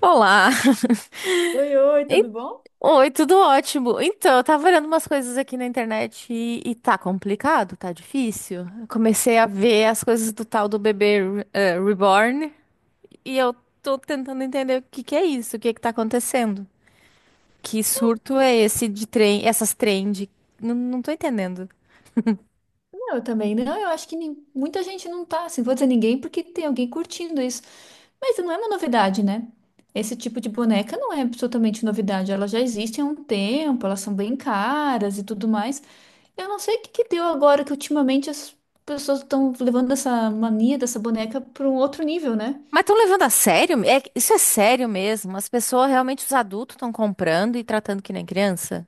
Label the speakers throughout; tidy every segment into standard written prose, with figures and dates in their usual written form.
Speaker 1: Olá!
Speaker 2: Oi, oi,
Speaker 1: En-
Speaker 2: tudo bom?
Speaker 1: Oi, tudo ótimo. Então, eu tava olhando umas coisas aqui na internet e tá complicado, tá difícil. Eu comecei a ver as coisas do tal do bebê reborn e eu tô tentando entender o que que é isso, o que que tá acontecendo. Que surto é esse de trem, essas trend? Não, não tô entendendo.
Speaker 2: Não, eu também não. Eu acho que muita gente não tá, assim, vou dizer ninguém porque tem alguém curtindo isso. Mas não é uma novidade, né? Esse tipo de boneca não é absolutamente novidade. Ela já existe há um tempo, elas são bem caras e tudo mais. Eu não sei o que que deu agora que ultimamente as pessoas estão levando essa mania dessa boneca para um outro nível, né?
Speaker 1: Mas estão levando a sério? É, isso é sério mesmo? As pessoas realmente, os adultos estão comprando e tratando que nem criança?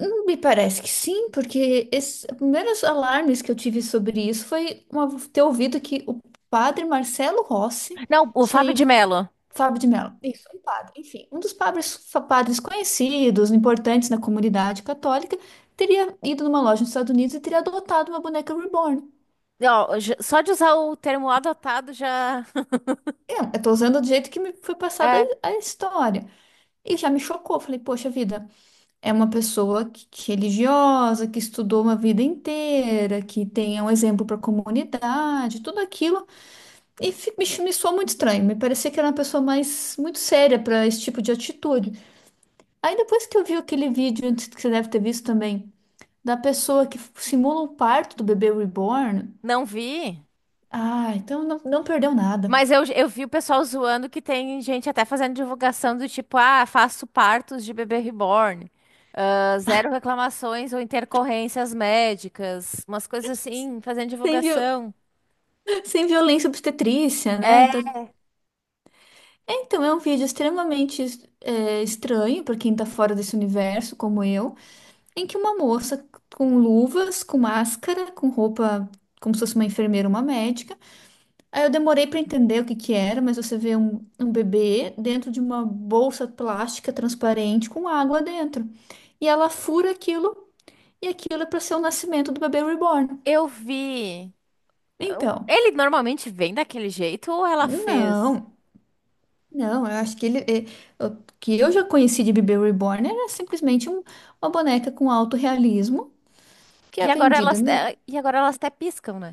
Speaker 2: Me parece que sim, porque esses primeiros alarmes que eu tive sobre isso foi ter ouvido que o padre Marcelo Rossi
Speaker 1: Não, o
Speaker 2: tinha
Speaker 1: Fábio de
Speaker 2: ido,
Speaker 1: Mello.
Speaker 2: Fábio de Mello, isso, um padre, enfim, um dos padres, padres conhecidos, importantes na comunidade católica, teria ido numa loja nos Estados Unidos e teria adotado uma boneca reborn.
Speaker 1: Ó, só de usar o termo adotado já.
Speaker 2: Eu tô usando do jeito que me foi passada
Speaker 1: É,
Speaker 2: a história. E já me chocou, falei, poxa vida. É uma pessoa que religiosa, que estudou uma vida inteira, que tem um exemplo para a comunidade, tudo aquilo. E me soou muito estranho. Me parecia que era uma pessoa mais muito séria para esse tipo de atitude. Aí depois que eu vi aquele vídeo, antes que você deve ter visto também, da pessoa que simula o parto do bebê reborn.
Speaker 1: não vi.
Speaker 2: Ah, então não, não perdeu nada.
Speaker 1: Mas eu vi o pessoal zoando que tem gente até fazendo divulgação do tipo, ah, faço partos de bebê reborn. Ah, zero reclamações ou intercorrências médicas. Umas coisas assim, fazendo
Speaker 2: Sem, viol,
Speaker 1: divulgação.
Speaker 2: Sem violência obstetrícia, né?
Speaker 1: É,
Speaker 2: Então, é um vídeo extremamente estranho para quem tá fora desse universo, como eu, em que uma moça com luvas, com máscara, com roupa como se fosse uma enfermeira, uma médica. Aí eu demorei para entender o que que era, mas você vê um bebê dentro de uma bolsa plástica transparente com água dentro. E ela fura aquilo, e aquilo é para ser o nascimento do bebê reborn.
Speaker 1: eu vi.
Speaker 2: Então,
Speaker 1: Ele normalmente vem daquele jeito ou ela fez?
Speaker 2: não. Não, eu acho que o que eu já conheci de bebê reborn era simplesmente uma boneca com alto realismo que
Speaker 1: E
Speaker 2: é
Speaker 1: agora
Speaker 2: vendida.
Speaker 1: elas, é, e agora elas até piscam, né?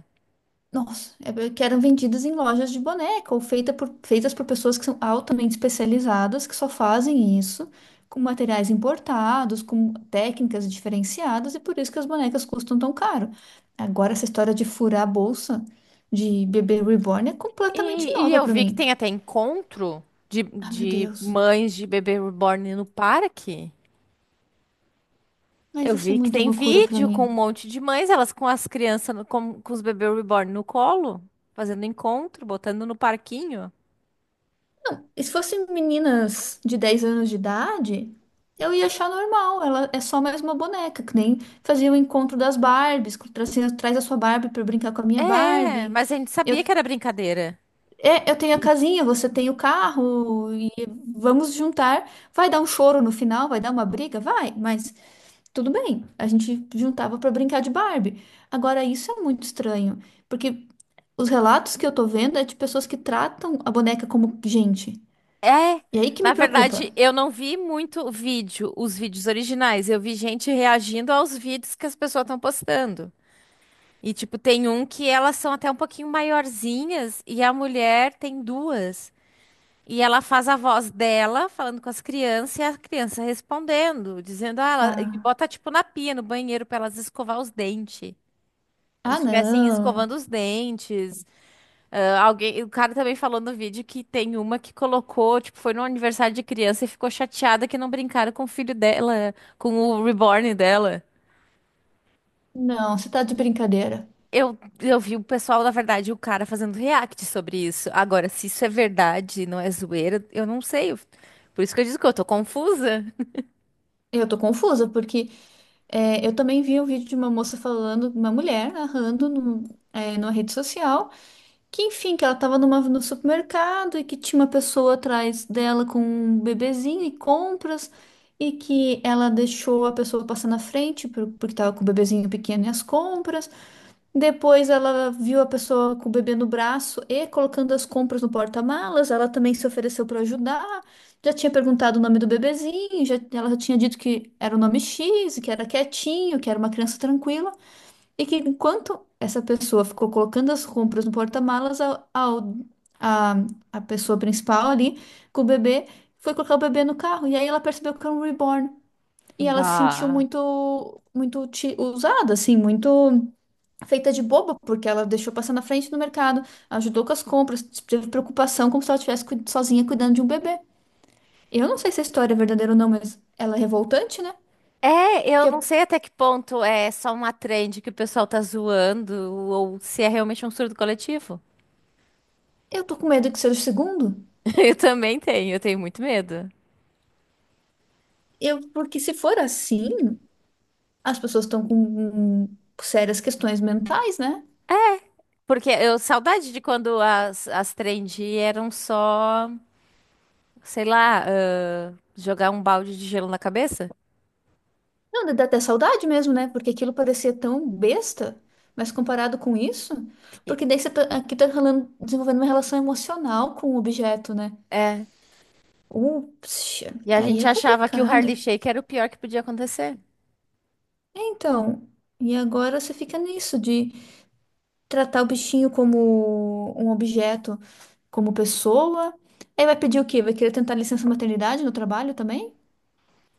Speaker 2: Nossa, que eram vendidas em lojas de boneca ou feitas por pessoas que são altamente especializadas, que só fazem isso com materiais importados, com técnicas diferenciadas, e por isso que as bonecas custam tão caro. Agora, essa história de furar a bolsa de bebê reborn é completamente
Speaker 1: E
Speaker 2: nova
Speaker 1: eu
Speaker 2: pra
Speaker 1: vi que
Speaker 2: mim.
Speaker 1: tem até encontro de,
Speaker 2: Ah, meu
Speaker 1: de
Speaker 2: Deus.
Speaker 1: mães de bebê reborn no parque.
Speaker 2: Mas
Speaker 1: Eu
Speaker 2: isso é
Speaker 1: vi que
Speaker 2: muito
Speaker 1: tem
Speaker 2: loucura pra
Speaker 1: vídeo com um
Speaker 2: mim.
Speaker 1: monte de mães, elas com as crianças, com os bebês reborn no colo, fazendo encontro, botando no parquinho.
Speaker 2: E se fossem meninas de 10 anos de idade, eu ia achar normal. Ela é só mais uma boneca, que nem fazia o encontro das Barbies, que traz a sua Barbie para brincar com a minha
Speaker 1: É,
Speaker 2: Barbie.
Speaker 1: mas a gente
Speaker 2: Eu,
Speaker 1: sabia que era brincadeira.
Speaker 2: eu tenho a casinha, você tem o carro, e vamos juntar. Vai dar um choro no final, vai dar uma briga, vai, mas tudo bem. A gente juntava para brincar de Barbie. Agora, isso é muito estranho, porque os relatos que eu tô vendo é de pessoas que tratam a boneca como gente.
Speaker 1: É,
Speaker 2: E aí que me
Speaker 1: na
Speaker 2: preocupa.
Speaker 1: verdade, eu não vi muito vídeo, os vídeos originais. Eu vi gente reagindo aos vídeos que as pessoas estão postando. E, tipo, tem um que elas são até um pouquinho maiorzinhas e a mulher tem duas. E ela faz a voz dela falando com as crianças e a criança respondendo, dizendo, ah, ela... e
Speaker 2: Ah,
Speaker 1: bota, tipo, na pia, no banheiro, pra elas escovar os dentes. Como
Speaker 2: ah,
Speaker 1: se estivessem
Speaker 2: não.
Speaker 1: escovando os dentes. Ah, alguém... O cara também falou no vídeo que tem uma que colocou, tipo, foi no aniversário de criança e ficou chateada que não brincaram com o filho dela, com o reborn dela.
Speaker 2: Não, você tá de brincadeira.
Speaker 1: Eu vi o pessoal, na verdade, o cara fazendo react sobre isso. Agora, se isso é verdade, não é zoeira, eu não sei. Por isso que eu digo que eu tô confusa.
Speaker 2: Eu tô confusa, porque eu também vi um vídeo de uma moça falando, uma mulher narrando numa rede social, que enfim, que ela tava no supermercado e que tinha uma pessoa atrás dela com um bebezinho e compras, e que ela deixou a pessoa passar na frente porque tava com o bebezinho pequeno e as compras. Depois ela viu a pessoa com o bebê no braço e colocando as compras no porta-malas. Ela também se ofereceu para ajudar. Já tinha perguntado o nome do bebezinho, já, ela já tinha dito que era o nome X, e que era quietinho, que era uma criança tranquila. E que enquanto essa pessoa ficou colocando as compras no porta-malas, a a pessoa principal ali com o bebê foi colocar o bebê no carro. E aí ela percebeu que era um reborn. E ela se sentiu
Speaker 1: Bah.
Speaker 2: muito, muito usada, assim, muito feita de boba, porque ela deixou passar na frente do mercado, ajudou com as compras, teve preocupação como se ela estivesse sozinha cuidando de um bebê. Eu não sei se a história é verdadeira ou não, mas ela é revoltante, né?
Speaker 1: É, eu não
Speaker 2: Porque
Speaker 1: sei até que ponto é só uma trend que o pessoal tá zoando ou se é realmente um surto coletivo.
Speaker 2: eu tô com medo que seja o segundo.
Speaker 1: Eu também tenho, eu tenho muito medo.
Speaker 2: Porque se for assim, as pessoas estão com sérias questões mentais, né?
Speaker 1: Porque eu saudade de quando as trend eram só, sei lá, ah, jogar um balde de gelo na cabeça.
Speaker 2: Não, dá até saudade mesmo, né? Porque aquilo parecia tão besta, mas comparado com isso,
Speaker 1: E-
Speaker 2: porque daí aqui tá desenvolvendo uma relação emocional com o objeto, né?
Speaker 1: É.
Speaker 2: Ups,
Speaker 1: E a
Speaker 2: aí
Speaker 1: gente
Speaker 2: é
Speaker 1: achava que o
Speaker 2: complicado.
Speaker 1: Harley Shake era o pior que podia acontecer.
Speaker 2: Então, e agora você fica nisso de tratar o bichinho como um objeto, como pessoa. Aí vai pedir o quê? Vai querer tentar licença maternidade no trabalho também?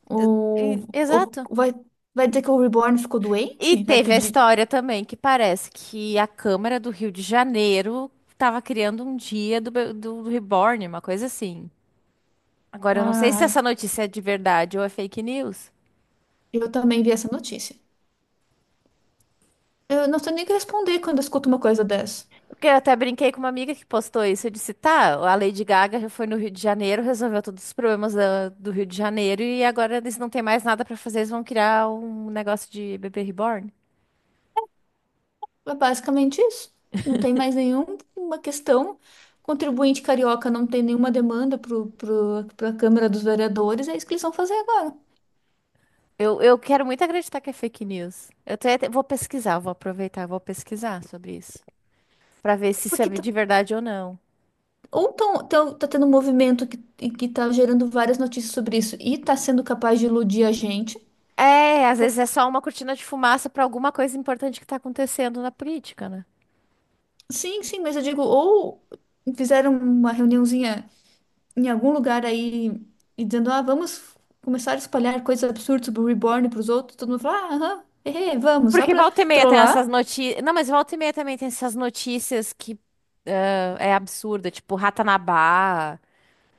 Speaker 2: Ou, ou
Speaker 1: Exato.
Speaker 2: vai dizer que o Reborn ficou
Speaker 1: E
Speaker 2: doente? Vai
Speaker 1: teve a
Speaker 2: pedir.
Speaker 1: história também que parece que a Câmara do Rio de Janeiro estava criando um dia do, do Reborn, uma coisa assim. Agora, eu não sei se
Speaker 2: Ai,
Speaker 1: essa notícia é de verdade ou é fake news.
Speaker 2: eu também vi essa notícia. Eu não sei nem o que responder quando eu escuto uma coisa dessa.
Speaker 1: Porque eu até brinquei com uma amiga que postou isso. Eu disse, tá, a Lady Gaga já foi no Rio de Janeiro, resolveu todos os problemas do Rio de Janeiro e agora eles não têm mais nada para fazer, eles vão criar um negócio de bebê reborn.
Speaker 2: É basicamente isso. Não tem mais nenhuma questão. Contribuinte carioca não tem nenhuma demanda para a Câmara dos Vereadores, é isso que eles vão fazer agora.
Speaker 1: Eu quero muito acreditar que é fake news. Eu até vou pesquisar, vou aproveitar, vou pesquisar sobre isso. Pra ver se isso é
Speaker 2: Porque tá,
Speaker 1: de verdade ou não.
Speaker 2: tá tendo um movimento e que tá gerando várias notícias sobre isso e tá sendo capaz de iludir a gente.
Speaker 1: É, às
Speaker 2: Pô,
Speaker 1: vezes é só uma cortina de fumaça pra alguma coisa importante que tá acontecendo na política, né?
Speaker 2: sim, sim, mas eu digo, ou fizeram uma reuniãozinha em algum lugar aí e dizendo, ah, vamos começar a espalhar coisas absurdas sobre o Reborn para os outros, todo mundo fala, ah, aham, hehe, vamos, só
Speaker 1: Porque
Speaker 2: para
Speaker 1: volta e meia tem essas
Speaker 2: trollar.
Speaker 1: notícias. Não, mas volta e meia também tem essas notícias que ah, é absurda, tipo Ratanabá.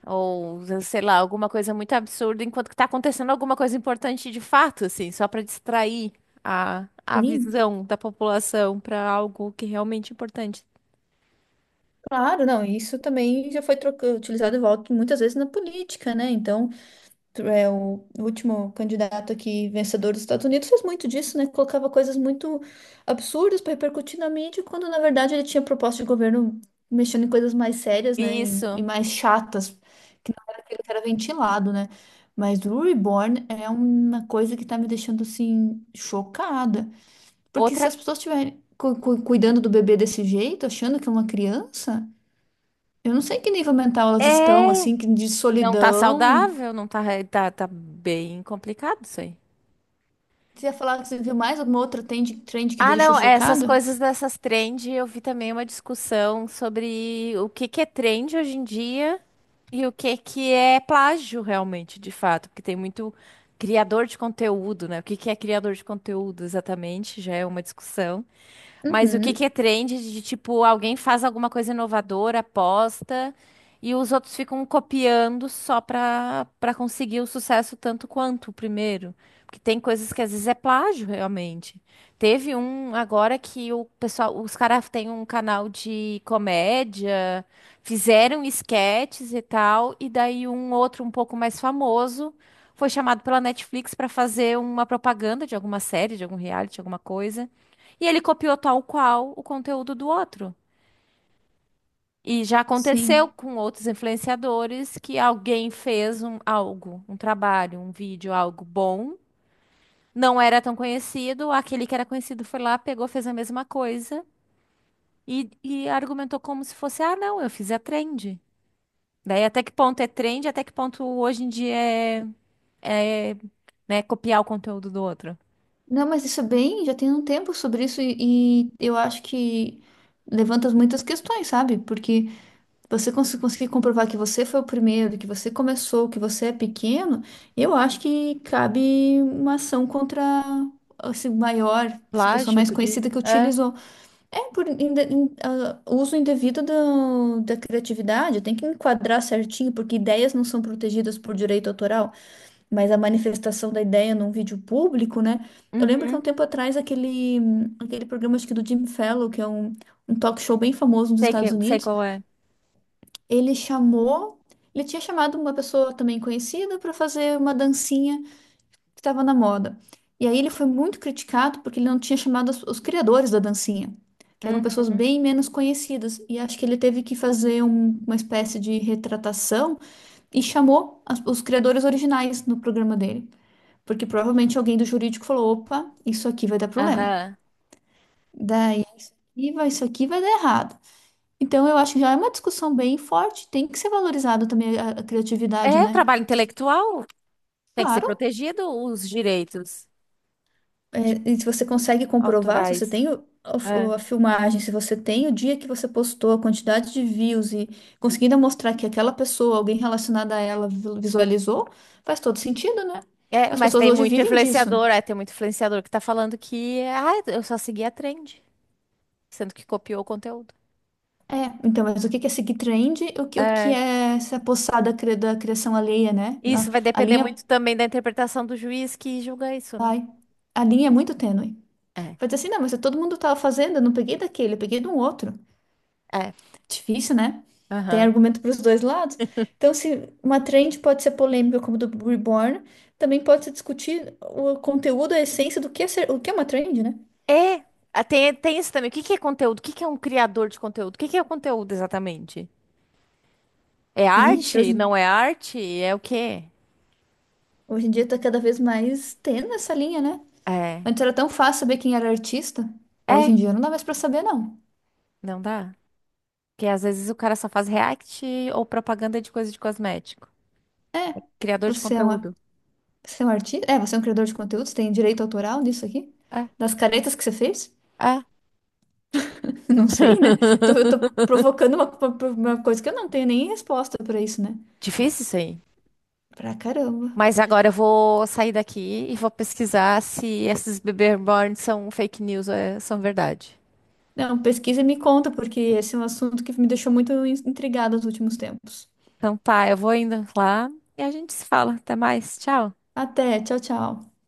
Speaker 1: Ou, sei lá, alguma coisa muito absurda enquanto que tá acontecendo alguma coisa importante de fato, assim, só pra distrair a
Speaker 2: Sim.
Speaker 1: visão da população pra algo que é realmente importante.
Speaker 2: Claro, não, isso também já foi utilizado e volta muitas vezes na política, né? Então, o último candidato aqui, vencedor dos Estados Unidos, fez muito disso, né? Colocava coisas muito absurdas para repercutir na mídia, quando na verdade ele tinha proposta de governo mexendo em coisas mais sérias, né? E
Speaker 1: Isso.
Speaker 2: mais chatas, que não era aquilo que era ventilado, né? Mas o Reborn é uma coisa que tá me deixando assim chocada, porque
Speaker 1: Outra
Speaker 2: se as pessoas estiverem cuidando do bebê desse jeito, achando que é uma criança. Eu não sei que nível mental elas estão,
Speaker 1: é
Speaker 2: assim, que de
Speaker 1: não tá
Speaker 2: solidão.
Speaker 1: saudável, não tá, tá, tá bem complicado isso aí.
Speaker 2: Você ia falar que você viu mais alguma outra trend que te
Speaker 1: Ah,
Speaker 2: deixou
Speaker 1: não, é, essas
Speaker 2: chocada?
Speaker 1: coisas dessas trend, eu vi também uma discussão sobre o que que é trend hoje em dia e o que que é plágio realmente, de fato, porque tem muito criador de conteúdo, né? O que que é criador de conteúdo exatamente, já é uma discussão. Mas o que que
Speaker 2: Uhum.
Speaker 1: é trend de tipo, alguém faz alguma coisa inovadora, posta e os outros ficam copiando só pra conseguir o sucesso tanto quanto o primeiro. Porque tem coisas que às vezes é plágio, realmente. Teve um agora que o pessoal, os caras têm um canal de comédia, fizeram esquetes e tal, e daí um outro um pouco mais famoso foi chamado pela Netflix pra fazer uma propaganda de alguma série, de algum reality, alguma coisa. E ele copiou tal qual o conteúdo do outro. E já aconteceu
Speaker 2: Sim.
Speaker 1: com outros influenciadores que alguém fez um, algo, um trabalho, um vídeo, algo bom, não era tão conhecido, aquele que era conhecido foi lá, pegou, fez a mesma coisa e argumentou como se fosse, ah, não, eu fiz a trend. Daí até que ponto é trend, até que ponto hoje em dia é, né, copiar o conteúdo do outro.
Speaker 2: Não, mas isso é bem, já tem um tempo sobre isso e eu acho que levanta muitas questões, sabe? Porque você conseguir comprovar que você foi o primeiro, que você começou, que você é pequeno, eu acho que cabe uma ação contra esse maior, essa pessoa
Speaker 1: Plágio,
Speaker 2: mais
Speaker 1: tu diz?
Speaker 2: conhecida que
Speaker 1: É.
Speaker 2: utilizou. É por uso indevido da criatividade, tem que enquadrar certinho, porque ideias não são protegidas por direito autoral, mas a manifestação da ideia num vídeo público, né? Eu lembro que há um
Speaker 1: Uhum.
Speaker 2: tempo atrás aquele programa, acho que do Jim Fallon, que é um talk show bem famoso nos
Speaker 1: Sei
Speaker 2: Estados
Speaker 1: que, sei
Speaker 2: Unidos,
Speaker 1: qual é.
Speaker 2: ele chamou, ele tinha chamado uma pessoa também conhecida para fazer uma dancinha que estava na moda. E aí ele foi muito criticado porque ele não tinha chamado os criadores da dancinha, que eram pessoas
Speaker 1: Uhum.
Speaker 2: bem menos conhecidas. E acho que ele teve que fazer uma espécie de retratação e chamou os criadores originais no programa dele. Porque provavelmente alguém do jurídico falou: opa, isso aqui vai dar problema.
Speaker 1: Aham.
Speaker 2: Daí vai, isso aqui vai dar errado. Então eu acho que já é uma discussão bem forte, tem que ser valorizado também a criatividade,
Speaker 1: É o
Speaker 2: né?
Speaker 1: trabalho intelectual, tem que ser
Speaker 2: Claro.
Speaker 1: protegido os direitos de
Speaker 2: É, e se você consegue comprovar, se você
Speaker 1: autorais.
Speaker 2: tem
Speaker 1: É.
Speaker 2: a filmagem, se você tem o dia que você postou, a quantidade de views e conseguindo mostrar que aquela pessoa, alguém relacionado a ela, visualizou, faz todo sentido, né?
Speaker 1: É,
Speaker 2: As
Speaker 1: mas
Speaker 2: pessoas
Speaker 1: tem
Speaker 2: hoje
Speaker 1: muito
Speaker 2: vivem disso.
Speaker 1: influenciador, é, tem muito influenciador que tá falando que, ah, eu só segui a trend, sendo que copiou o conteúdo.
Speaker 2: É, então, mas o que que é seguir trend? O que
Speaker 1: É.
Speaker 2: é se apossar da criação alheia, né?
Speaker 1: Isso vai
Speaker 2: A
Speaker 1: depender
Speaker 2: linha,
Speaker 1: muito também da interpretação do juiz que julga isso, né?
Speaker 2: ai, a linha é muito tênue.
Speaker 1: É,
Speaker 2: Vai dizer assim, não, mas todo mundo estava fazendo, eu não peguei daquele, eu peguei de um outro.
Speaker 1: é.
Speaker 2: Difícil, né? Tem
Speaker 1: Aham.
Speaker 2: argumento para os dois lados. Então, se uma trend pode ser polêmica, como do Reborn, também pode se discutir o conteúdo, a essência do que é ser, o que é uma trend, né?
Speaker 1: É, ah, tem, tem isso também. O que que é conteúdo? O que que é um criador de conteúdo? O que que é o conteúdo exatamente? É
Speaker 2: Ixi,
Speaker 1: arte? Não é arte? É o quê?
Speaker 2: hoje em dia tá cada vez mais tendo essa linha, né?
Speaker 1: É.
Speaker 2: Antes era tão fácil saber quem era artista. Hoje em
Speaker 1: É,
Speaker 2: dia não dá mais pra saber, não.
Speaker 1: não dá. Porque às vezes o cara só faz react ou propaganda de coisa de cosmético.
Speaker 2: É,
Speaker 1: Criador de
Speaker 2: você é uma,
Speaker 1: conteúdo.
Speaker 2: você é um artista? É, você é um criador de conteúdos, tem direito autoral nisso aqui?
Speaker 1: É,
Speaker 2: Das caretas que você fez?
Speaker 1: é.
Speaker 2: Não sei, né? Eu tô provocando uma coisa que eu não tenho nem resposta pra isso, né?
Speaker 1: Difícil isso aí.
Speaker 2: Pra caramba.
Speaker 1: Mas agora eu vou sair daqui e vou pesquisar se esses bebê reborn são fake news ou são verdade.
Speaker 2: Não, pesquisa e me conta, porque esse é um assunto que me deixou muito intrigada nos últimos tempos.
Speaker 1: Então tá, eu vou indo lá e a gente se fala. Até mais. Tchau.
Speaker 2: Até, tchau, tchau.